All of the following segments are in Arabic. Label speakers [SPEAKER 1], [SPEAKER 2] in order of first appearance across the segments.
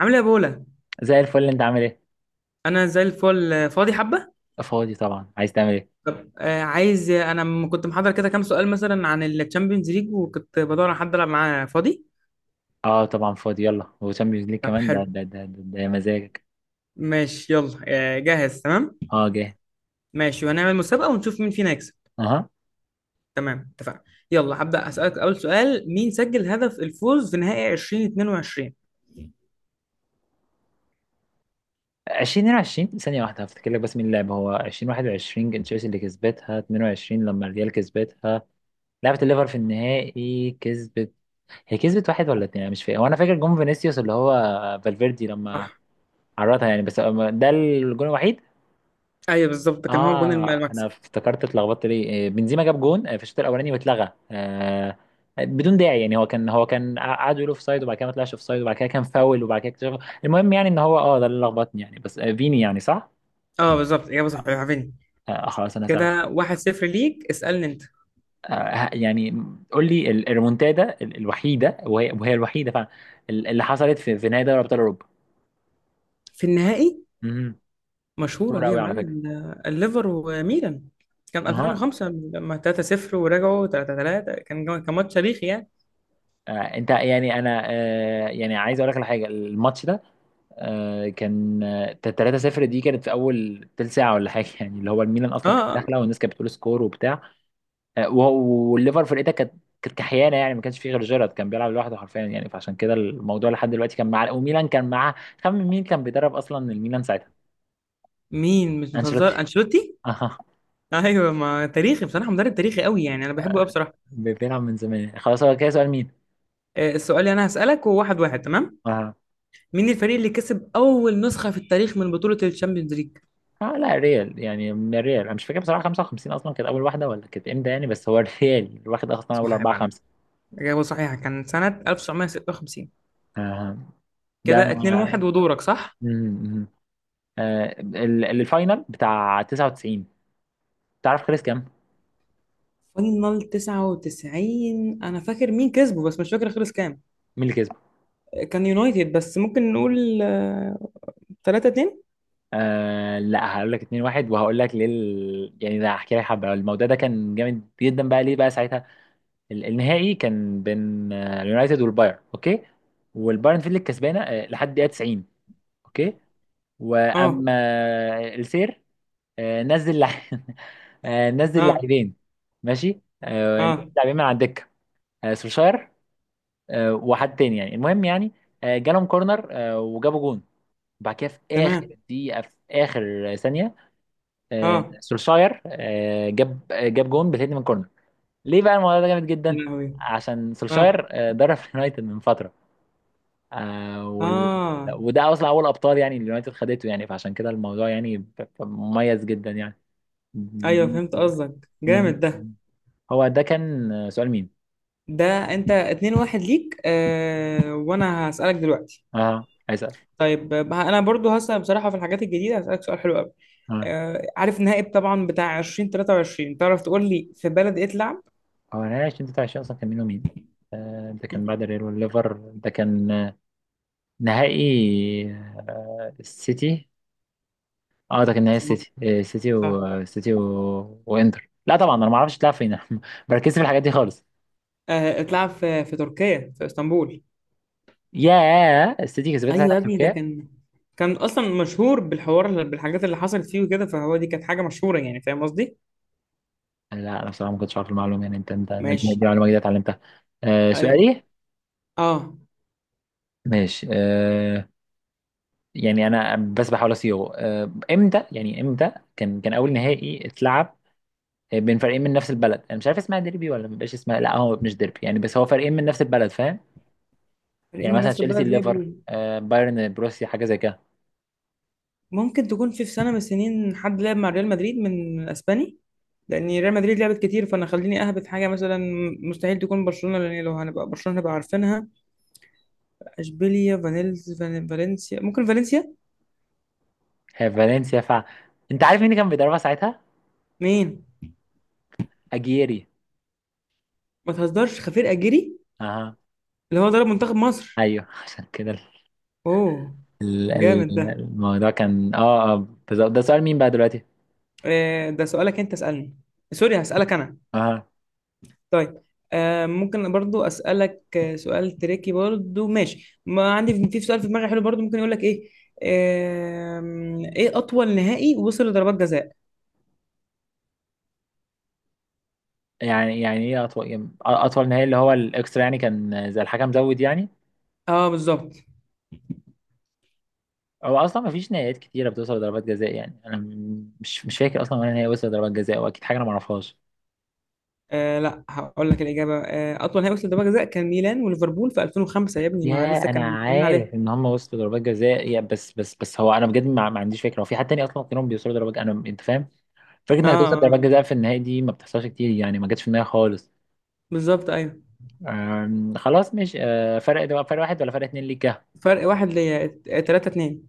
[SPEAKER 1] عامل ايه يا بولا؟
[SPEAKER 2] زي الفل، انت عامل ايه؟
[SPEAKER 1] انا زي الفل، فاضي حبه.
[SPEAKER 2] فاضي طبعا، عايز تعمل ايه؟
[SPEAKER 1] طب عايز، كنت محضر كده كام سؤال مثلا عن الشامبيونز ليج، وكنت بدور على حد العب معاه. فاضي؟
[SPEAKER 2] اه طبعا فاضي، يلا. وشامبيونز ليج
[SPEAKER 1] طب
[SPEAKER 2] كمان؟ ده
[SPEAKER 1] حلو.
[SPEAKER 2] ده ده ده, ده مزاجك.
[SPEAKER 1] ماشي، يلا. جاهز؟ تمام.
[SPEAKER 2] اه جه.
[SPEAKER 1] ماشي، وهنعمل مسابقه ونشوف مين فينا يكسب.
[SPEAKER 2] اها.
[SPEAKER 1] تمام، اتفقنا. يلا هبدا اسالك. اول سؤال: مين سجل هدف الفوز في نهائي 2022؟
[SPEAKER 2] 2022، ثانيه واحده هفتكر لك، بس مين اللعب هو 2021 كان تشيلسي اللي كسبتها. 22 لما الريال كسبتها، لعبت الليفر في النهائي كسبت. هي كسبت واحد ولا اتنين، انا مش فاكر. وانا فاكر جون فينيسيوس اللي هو فالفيردي لما
[SPEAKER 1] صح.
[SPEAKER 2] عرضها يعني، بس ده الجون الوحيد.
[SPEAKER 1] ايوه بالظبط، ده كان هو جون
[SPEAKER 2] اه انا
[SPEAKER 1] المكسب.
[SPEAKER 2] افتكرت اتلخبطت ليه، إيه، بنزيما جاب جون في الشوط الاولاني واتلغى بدون داعي يعني. هو كان قعدوا يقولوا اوف سايد، وبعد كده ما طلعش اوف سايد، وبعد كده كان فاول، وبعد كده اكتشف. المهم يعني ان هو ده اللي لخبطني يعني، بس فيني يعني، صح؟
[SPEAKER 1] اه بالظبط، اجابه صحيحه، فيني.
[SPEAKER 2] خلاص انا سألت.
[SPEAKER 1] كده 1-0 ليك. اسالني انت.
[SPEAKER 2] يعني قول لي الريمونتادا الوحيده، وهي الوحيده فعلا، اللي حصلت في نهائي دوري ابطال اوروبا.
[SPEAKER 1] في النهائي؟
[SPEAKER 2] امم.
[SPEAKER 1] مشهورة دي يا
[SPEAKER 2] قوي على فكره.
[SPEAKER 1] معلم، ده الليفر وميلان. كان
[SPEAKER 2] اها.
[SPEAKER 1] 2005 لما 3-0 ورجعوا 3-3، كان كان ماتش تاريخي يعني.
[SPEAKER 2] انت يعني انا، يعني عايز اقول لك على حاجه. الماتش ده كان 3-0. دي كانت في اول تلت ساعه ولا حاجه يعني، اللي هو الميلان
[SPEAKER 1] اه
[SPEAKER 2] اصلا كانت داخله، والناس كانت بتقول سكور وبتاع. آه، وهو- والليفر فرقتها كانت كانت كحيانه يعني. ما كانش فيه غير جيرارد كان بيلعب لوحده حرفيا يعني، فعشان كده الموضوع لحد دلوقتي كان مع، وميلان كان معاه. خمن مين كان بيدرب اصلا الميلان ساعتها.
[SPEAKER 1] مين؟ مش بتهزر،
[SPEAKER 2] انشيلوتي.
[SPEAKER 1] انشيلوتي؟
[SPEAKER 2] آه،
[SPEAKER 1] ايوه، ما تاريخي بصراحة، مدرب تاريخي قوي يعني، انا بحبه قوي
[SPEAKER 2] آه،
[SPEAKER 1] بصراحة.
[SPEAKER 2] بيلعب من زمان خلاص. هو كده سؤال مين.
[SPEAKER 1] السؤال اللي انا هسألك هو واحد واحد، تمام؟
[SPEAKER 2] آه.
[SPEAKER 1] مين الفريق اللي كسب اول نسخة في التاريخ من بطولة الشامبيونز ليج؟
[SPEAKER 2] اه لا ريال يعني، من الريال انا مش فاكر بصراحه 55 اصلا كانت اول واحده ولا كانت امتى يعني، بس هو الريال واخد اصلا اول
[SPEAKER 1] صح يا
[SPEAKER 2] 4
[SPEAKER 1] معلم،
[SPEAKER 2] 5.
[SPEAKER 1] إجابة صحيحة، كان سنة 1956.
[SPEAKER 2] آه.
[SPEAKER 1] كده 2-1، ودورك. صح.
[SPEAKER 2] ده الفاينل بتاع 99. تعرف خلص كام؟
[SPEAKER 1] فاينل 99، انا فاكر مين كسبه بس مش فاكر خلص كام.
[SPEAKER 2] مين اللي كسب؟
[SPEAKER 1] كان يونايتد، بس ممكن نقول 3 2.
[SPEAKER 2] لا هقول لك 2-1، وهقول لك ليه. يعني ده هحكي لك حبه، الموضوع ده كان جامد جدا بقى ليه بقى ساعتها. النهائي كان بين اليونايتد والبايرن، اوكي. والبايرن فيل الكسبانه لحد دقيقه 90، اوكي.
[SPEAKER 1] اه
[SPEAKER 2] واما السير، آه، نزل لع- نزل
[SPEAKER 1] اه
[SPEAKER 2] لاعبين. ماشي نزل
[SPEAKER 1] اه
[SPEAKER 2] لاعبين من على الدكه. سولشاير، وحد تاني يعني المهم يعني. جالهم كورنر، وجابوا جون. وبعد كده في اخر
[SPEAKER 1] تمام.
[SPEAKER 2] دقيقه في اخر ثانيه
[SPEAKER 1] اه.
[SPEAKER 2] سولشاير جاب جون بالهيد من كورنر. ليه بقى الموضوع ده جامد
[SPEAKER 1] يا
[SPEAKER 2] جدا؟
[SPEAKER 1] لهوي.
[SPEAKER 2] عشان
[SPEAKER 1] اه
[SPEAKER 2] سولشاير درب اليونايتد من فتره، آه، وال...
[SPEAKER 1] اه
[SPEAKER 2] وده اصلا اول ابطال يعني اليونايتد خدته يعني، فعشان كده الموضوع يعني مميز جدا يعني.
[SPEAKER 1] ايوه،
[SPEAKER 2] م-
[SPEAKER 1] فهمت قصدك، جامد ده.
[SPEAKER 2] هو ده كان سؤال مين.
[SPEAKER 1] ده انت 2 1 ليك. وانا هسألك دلوقتي.
[SPEAKER 2] اه عايز اسال.
[SPEAKER 1] طيب انا برضو هسأل بصراحة في الحاجات الجديدة، هسألك سؤال حلو قوي.
[SPEAKER 2] آه.
[SPEAKER 1] آه، عارف النهائي طبعا بتاع 2023، تعرف تقول لي في بلد ايه اتلعب؟
[SPEAKER 2] هو انا عايش 23 اصلا؟ كان مين ومين؟ ده كان بعد الريال والليفر. ده كان نهائي السيتي. اه ده كان نهائي
[SPEAKER 1] صح
[SPEAKER 2] السيتي، السيتي
[SPEAKER 1] صح
[SPEAKER 2] والسيتي وانتر. لا طبعا انا ما اعرفش تلعب فين بركز في الحاجات دي خالص.
[SPEAKER 1] آه، اتلعب في في تركيا، في اسطنبول.
[SPEAKER 2] يا السيتي كسبتها
[SPEAKER 1] ايوه
[SPEAKER 2] ساعتها
[SPEAKER 1] يا
[SPEAKER 2] في
[SPEAKER 1] ابني، ده
[SPEAKER 2] تركيا.
[SPEAKER 1] كان كان اصلا مشهور بالحوار، بالحاجات اللي حصلت فيه وكده، فهو دي كانت حاجه مشهوره يعني، فاهم قصدي؟
[SPEAKER 2] لا انا بصراحه ما كنتش عارف المعلومه يعني. انت دي
[SPEAKER 1] ماشي.
[SPEAKER 2] دي معلومه جديده اتعلمتها.
[SPEAKER 1] أي-
[SPEAKER 2] سؤالي.
[SPEAKER 1] اه
[SPEAKER 2] ماشي يعني انا بس بحاول اصيغه. امتى يعني، امتى كان اول نهائي اتلعب بين فريقين من نفس البلد؟ انا مش عارف اسمها ديربي ولا مبقاش اسمها. لا هو مش ديربي يعني، بس هو فريقين من نفس البلد فاهم.
[SPEAKER 1] فريق
[SPEAKER 2] يعني
[SPEAKER 1] من
[SPEAKER 2] مثلا
[SPEAKER 1] نفس
[SPEAKER 2] تشيلسي
[SPEAKER 1] البلد لعبوا.
[SPEAKER 2] ليفر، بايرن بروسيا، حاجه زي كده.
[SPEAKER 1] ممكن تكون في في سنه من السنين حد لعب مع ريال مدريد من اسباني، لان ريال مدريد لعبت كتير، فانا خليني اهبط حاجه مثلا. مستحيل تكون برشلونه، لان لو هنبقى برشلونه هنبقى عارفينها. اشبيليا، فالنسيا، ممكن فالنسيا.
[SPEAKER 2] هي فالنسيا انت عارف مين اللي كان بيدربها ساعتها؟
[SPEAKER 1] مين؟
[SPEAKER 2] اجيري.
[SPEAKER 1] ما تهزرش، خفير اجيري؟
[SPEAKER 2] اها.
[SPEAKER 1] اللي هو ضرب منتخب مصر.
[SPEAKER 2] ايوه عشان كده
[SPEAKER 1] اوه،
[SPEAKER 2] ال- ال-
[SPEAKER 1] جامد ده.
[SPEAKER 2] الموضوع كان، بالظبط. ده سؤال مين بقى دلوقتي؟
[SPEAKER 1] ده سؤالك، انت اسألني. سوري، هسألك انا.
[SPEAKER 2] اها.
[SPEAKER 1] طيب ممكن برضو اسألك سؤال تريكي برضو، ماشي؟ ما عندي في سؤال في دماغي حلو برضو، ممكن يقول لك ايه. ايه اطول نهائي وصل لضربات جزاء؟
[SPEAKER 2] يعني ايه اطول، يعني اطول نهائي اللي هو الاكسترا يعني؟ كان زي الحكم زود يعني.
[SPEAKER 1] اه بالظبط.
[SPEAKER 2] هو اصلا ما فيش نهائيات كتيره بتوصل لضربات جزاء يعني. انا مش فاكر اصلا ولا نهائي وصل لضربات جزاء، واكيد حاجه انا ما اعرفهاش.
[SPEAKER 1] آه لا، هقول لك الاجابه. اطول نهائي وصل لضربات جزاء كان ميلان وليفربول في 2005، يا ابني ما
[SPEAKER 2] يا
[SPEAKER 1] لسه
[SPEAKER 2] انا
[SPEAKER 1] كان متكلمين عليها.
[SPEAKER 2] عارف ان هم وصلوا ضربات جزاء يا، بس هو انا بجد ما عنديش فكره. هو في حد تاني اصلا غيرهم بيوصلوا ضربات جزاء؟ انا، انت فاهم فكره
[SPEAKER 1] اه
[SPEAKER 2] انك توصل
[SPEAKER 1] اه
[SPEAKER 2] ضربات
[SPEAKER 1] آه.
[SPEAKER 2] جزاء في النهائي دي ما بتحصلش كتير يعني، ما جاتش في النهائي خالص.
[SPEAKER 1] بالظبط ايوه.
[SPEAKER 2] خلاص. مش فرق. ده فرق واحد ولا فرق اتنين ليك يا؟
[SPEAKER 1] فرق واحد ليا، 3 2.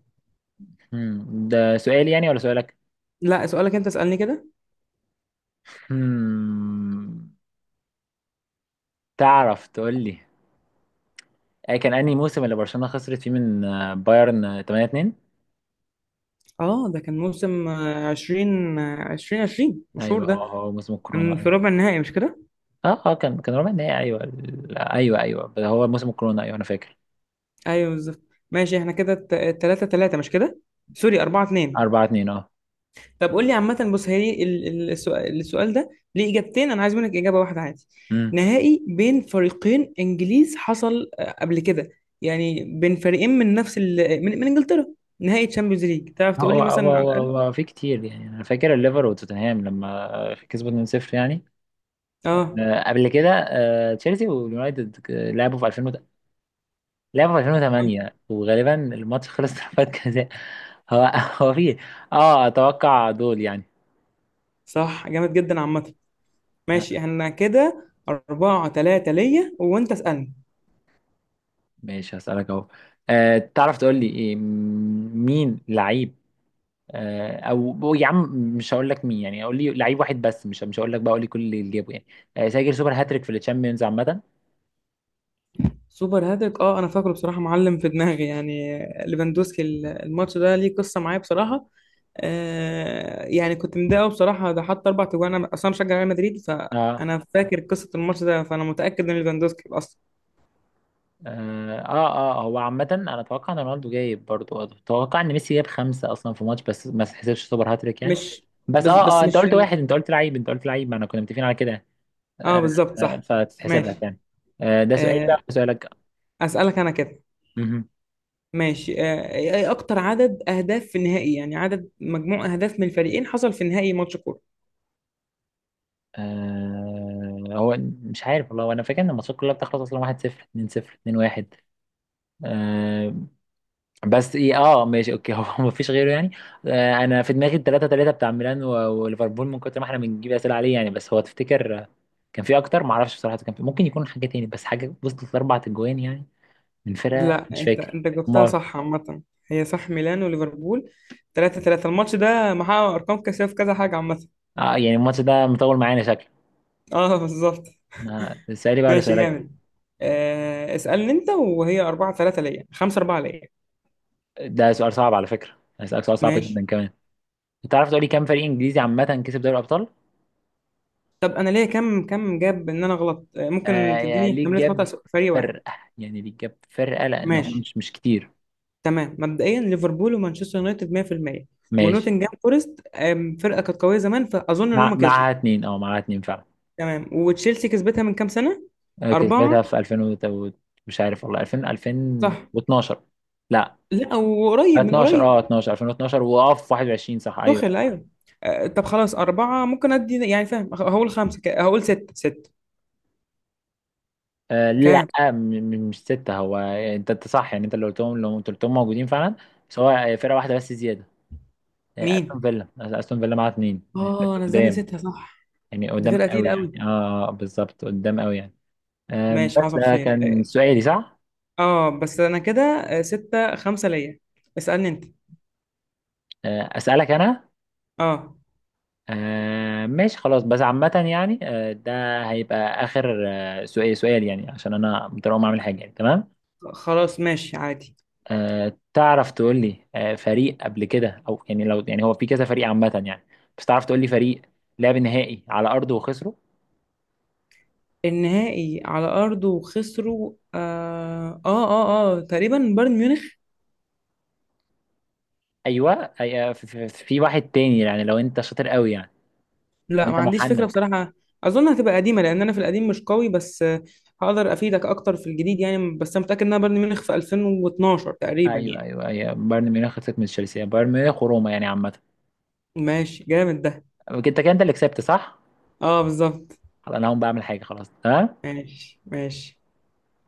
[SPEAKER 2] ده سؤالي يعني ولا سؤالك؟
[SPEAKER 1] لا سؤالك، انت اسألني كده.
[SPEAKER 2] هم، تعرف تقول لي كان انهي موسم اللي برشلونه خسرت فيه من بايرن 8-2؟
[SPEAKER 1] اه، ده كان موسم عشرين عشرين، مشهور
[SPEAKER 2] ايوه هو
[SPEAKER 1] ده.
[SPEAKER 2] هو موسم
[SPEAKER 1] كان
[SPEAKER 2] الكورونا
[SPEAKER 1] في
[SPEAKER 2] ايوه.
[SPEAKER 1] ربع النهائي مش كده؟
[SPEAKER 2] اه كان ربع النهائي، ايوه. ايوه، ايوه هو موسم الكورونا ايوه، انا فاكر.
[SPEAKER 1] ايوه بالظبط. ماشي، احنا كده تلاتة تلاتة مش كده؟ سوري، أربعة اتنين.
[SPEAKER 2] أربعة اتنين، اه.
[SPEAKER 1] طب قول لي، عامة بص، هي السؤال، ده ليه إجابتين، أنا عايز منك إجابة واحدة عادي.
[SPEAKER 2] امم.
[SPEAKER 1] نهائي بين فريقين إنجليز حصل قبل كده، يعني بين فريقين من نفس من، من إنجلترا. نهائي تشامبيونز ليج، تعرف تقول لي
[SPEAKER 2] هو
[SPEAKER 1] مثلا على
[SPEAKER 2] هو
[SPEAKER 1] الأقل؟
[SPEAKER 2] هو في كتير يعني. أنا فاكر الليفر وتوتنهام لما كسبوا 2-0 يعني
[SPEAKER 1] اه
[SPEAKER 2] قبل كده. تشيلسي واليونايتد لعبوا في 2000 لعبوا في
[SPEAKER 1] آه،
[SPEAKER 2] 2008، وغالبا الماتش خلص ضربات جزاء هو. هو في، اه أتوقع دول يعني.
[SPEAKER 1] صح، جامد جدا عامة.
[SPEAKER 2] آه،
[SPEAKER 1] ماشي، احنا كده أربعة تلاتة ليا، وأنت اسألني.
[SPEAKER 2] ماشي هسألك أهو. تعرف تقول لي، إيه، مين لعيب او يا عم؟ مش هقول لك مين يعني، اقول لي لعيب واحد بس. مش هقول لك بقى، اقول لي كل اللي جابه يعني سجل سوبر هاتريك في الشامبيونز عامه.
[SPEAKER 1] سوبر هاتريك؟ اه أنا فاكره بصراحة معلم، في دماغي يعني. ليفاندوسكي، الماتش ده ليه قصة معايا بصراحة. آه يعني كنت متضايق أوي بصراحة، ده حط أربع تجوان، أنا أصلا مشجع ريال مدريد،
[SPEAKER 2] اه
[SPEAKER 1] فأنا فاكر قصة الماتش ده، فأنا متأكد إن ليفاندوسكي أصلا.
[SPEAKER 2] هو عامة انا اتوقع ان رونالدو جايب برضو، اتوقع ان ميسي جاب خمسة اصلا في ماتش، بس ما تحسبش سوبر هاتريك يعني.
[SPEAKER 1] مش
[SPEAKER 2] بس
[SPEAKER 1] بس بس
[SPEAKER 2] انت
[SPEAKER 1] مش في
[SPEAKER 2] قلت واحد. انت قلت لعيب، ما انا كنا متفقين على كده.
[SPEAKER 1] اه
[SPEAKER 2] آه
[SPEAKER 1] بالظبط صح.
[SPEAKER 2] فتتحسب لك
[SPEAKER 1] ماشي.
[SPEAKER 2] يعني. ده سؤالي بقى
[SPEAKER 1] آه
[SPEAKER 2] سؤالك.
[SPEAKER 1] أسألك أنا كده.
[SPEAKER 2] مهم.
[SPEAKER 1] ماشي ايه اكتر عدد اهداف في النهائي؟ يعني عدد مجموع اهداف من الفريقين حصل في نهائي ماتش كورة.
[SPEAKER 2] هو مش عارف والله. انا فاكر ان الماتشات كلها بتخلص اصلا 1-0 2-0 2-1 بس. ايه ماشي اوكي. هو مفيش غيره يعني. انا في دماغي التلاتة تلاتة بتاع ميلان وليفربول، من كتر ما احنا بنجيب اسئله عليه يعني. بس هو تفتكر كان في اكتر؟ ما اعرفش بصراحه، كان في ممكن يكون حاجه تاني، بس حاجه وصلت لاربع اجوان يعني من فرقه،
[SPEAKER 1] لا
[SPEAKER 2] مش
[SPEAKER 1] انت،
[SPEAKER 2] فاكر.
[SPEAKER 1] جبتها
[SPEAKER 2] امال.
[SPEAKER 1] صح عامة، هي صح، ميلان وليفربول، 3 3. الماتش ده محقق ارقام قياسية في كذا حاجة عامة.
[SPEAKER 2] يعني الماتش ده مطول معانا شكله.
[SPEAKER 1] اه بالظبط.
[SPEAKER 2] اسالي بقى ولا
[SPEAKER 1] ماشي
[SPEAKER 2] اسالك؟
[SPEAKER 1] جامد. اسألني انت، وهي 4 3 ليا، 5 4 ليا.
[SPEAKER 2] ده سؤال صعب على فكره، هسالك سؤال صعب جدا
[SPEAKER 1] ماشي.
[SPEAKER 2] كمان. تعرف تقولي كام فريق انجليزي عامه كسب دوري الابطال؟
[SPEAKER 1] طب انا ليا، كم كم جاب ان انا غلط؟ آه ممكن
[SPEAKER 2] يعني
[SPEAKER 1] تديني
[SPEAKER 2] ليه
[SPEAKER 1] احتمالية خطأ،
[SPEAKER 2] جاب
[SPEAKER 1] فريق واحد.
[SPEAKER 2] فرقه. يعني ليه جاب فرقه، لان هم
[SPEAKER 1] ماشي.
[SPEAKER 2] مش كتير.
[SPEAKER 1] تمام، مبدئيا ليفربول ومانشستر يونايتد، 100%.
[SPEAKER 2] ماشي.
[SPEAKER 1] ونوتنجهام فورست، فرقة كانت قوية زمان، فأظن إن هم كسبوا.
[SPEAKER 2] معاها اتنين، اه، معاها اتنين فعلا.
[SPEAKER 1] تمام، وتشيلسي كسبتها من كام سنة؟
[SPEAKER 2] أنا
[SPEAKER 1] أربعة؟
[SPEAKER 2] كسبتها في 2000 مش عارف والله، 2000
[SPEAKER 1] صح؟
[SPEAKER 2] 2012. لا،
[SPEAKER 1] لا، وقريب من
[SPEAKER 2] 12.
[SPEAKER 1] قريب.
[SPEAKER 2] اه 12 2012، واقف 21، صح، ايوه.
[SPEAKER 1] دخل، ايوه. طب خلاص، أربعة ممكن أدي يعني فاهم، هقول خمسة، هقول ستة. ستة؟
[SPEAKER 2] لا،
[SPEAKER 1] كام؟
[SPEAKER 2] مش ستة. هو انت صح يعني. انت اللي قلتهم، لو انت قلتهم موجودين فعلا. بس هو فرقة واحدة بس زيادة،
[SPEAKER 1] مين؟
[SPEAKER 2] استون فيلا. استون فيلا معاها اتنين يعني، بس
[SPEAKER 1] اه نزلني
[SPEAKER 2] قدام،
[SPEAKER 1] ستة، صح.
[SPEAKER 2] يعني
[SPEAKER 1] دي
[SPEAKER 2] قدام
[SPEAKER 1] فرقة
[SPEAKER 2] قوي
[SPEAKER 1] تقيلة
[SPEAKER 2] يعني.
[SPEAKER 1] قوي.
[SPEAKER 2] اه بالظبط قدام قوي يعني.
[SPEAKER 1] ماشي،
[SPEAKER 2] بس
[SPEAKER 1] حصل
[SPEAKER 2] ده
[SPEAKER 1] خير.
[SPEAKER 2] كان
[SPEAKER 1] اه
[SPEAKER 2] سؤالي، صح؟
[SPEAKER 1] بس أنا كده ستة خمسة ليا. اسألني أنت.
[SPEAKER 2] اسألك انا.
[SPEAKER 1] اه
[SPEAKER 2] ماشي خلاص، بس عامة يعني ده هيبقى آخر سؤال يعني، عشان أنا مضطر أقوم أعمل حاجة يعني، تمام.
[SPEAKER 1] خلاص، ماشي عادي.
[SPEAKER 2] تعرف تقول لي فريق قبل كده، أو يعني، لو يعني هو في كذا فريق عامة يعني، بس تعرف تقول لي فريق لعب نهائي على أرضه وخسره.
[SPEAKER 1] النهائي على أرضه وخسروا؟ تقريبا بايرن ميونخ.
[SPEAKER 2] أيوه، في في واحد تاني يعني، لو أنت شاطر قوي يعني. لو
[SPEAKER 1] لا، ما
[SPEAKER 2] أنت
[SPEAKER 1] عنديش فكرة
[SPEAKER 2] محنك.
[SPEAKER 1] بصراحة. أظن هتبقى قديمة، لأن أنا في القديم مش قوي، بس هقدر أفيدك أكتر في الجديد يعني، بس أنا متأكد إنها بايرن ميونخ في 2012 تقريبا
[SPEAKER 2] أيوه
[SPEAKER 1] يعني.
[SPEAKER 2] أيوه أيوه بايرن ميونخ خسرت من تشيلسي، بايرن ميونخ وروما يعني عامة.
[SPEAKER 1] ماشي جامد ده.
[SPEAKER 2] أنت كده أنت اللي كسبت صح؟
[SPEAKER 1] أه بالظبط.
[SPEAKER 2] خلاص أنا هقوم بعمل حاجة، خلاص، تمام.
[SPEAKER 1] ماشي ماشي.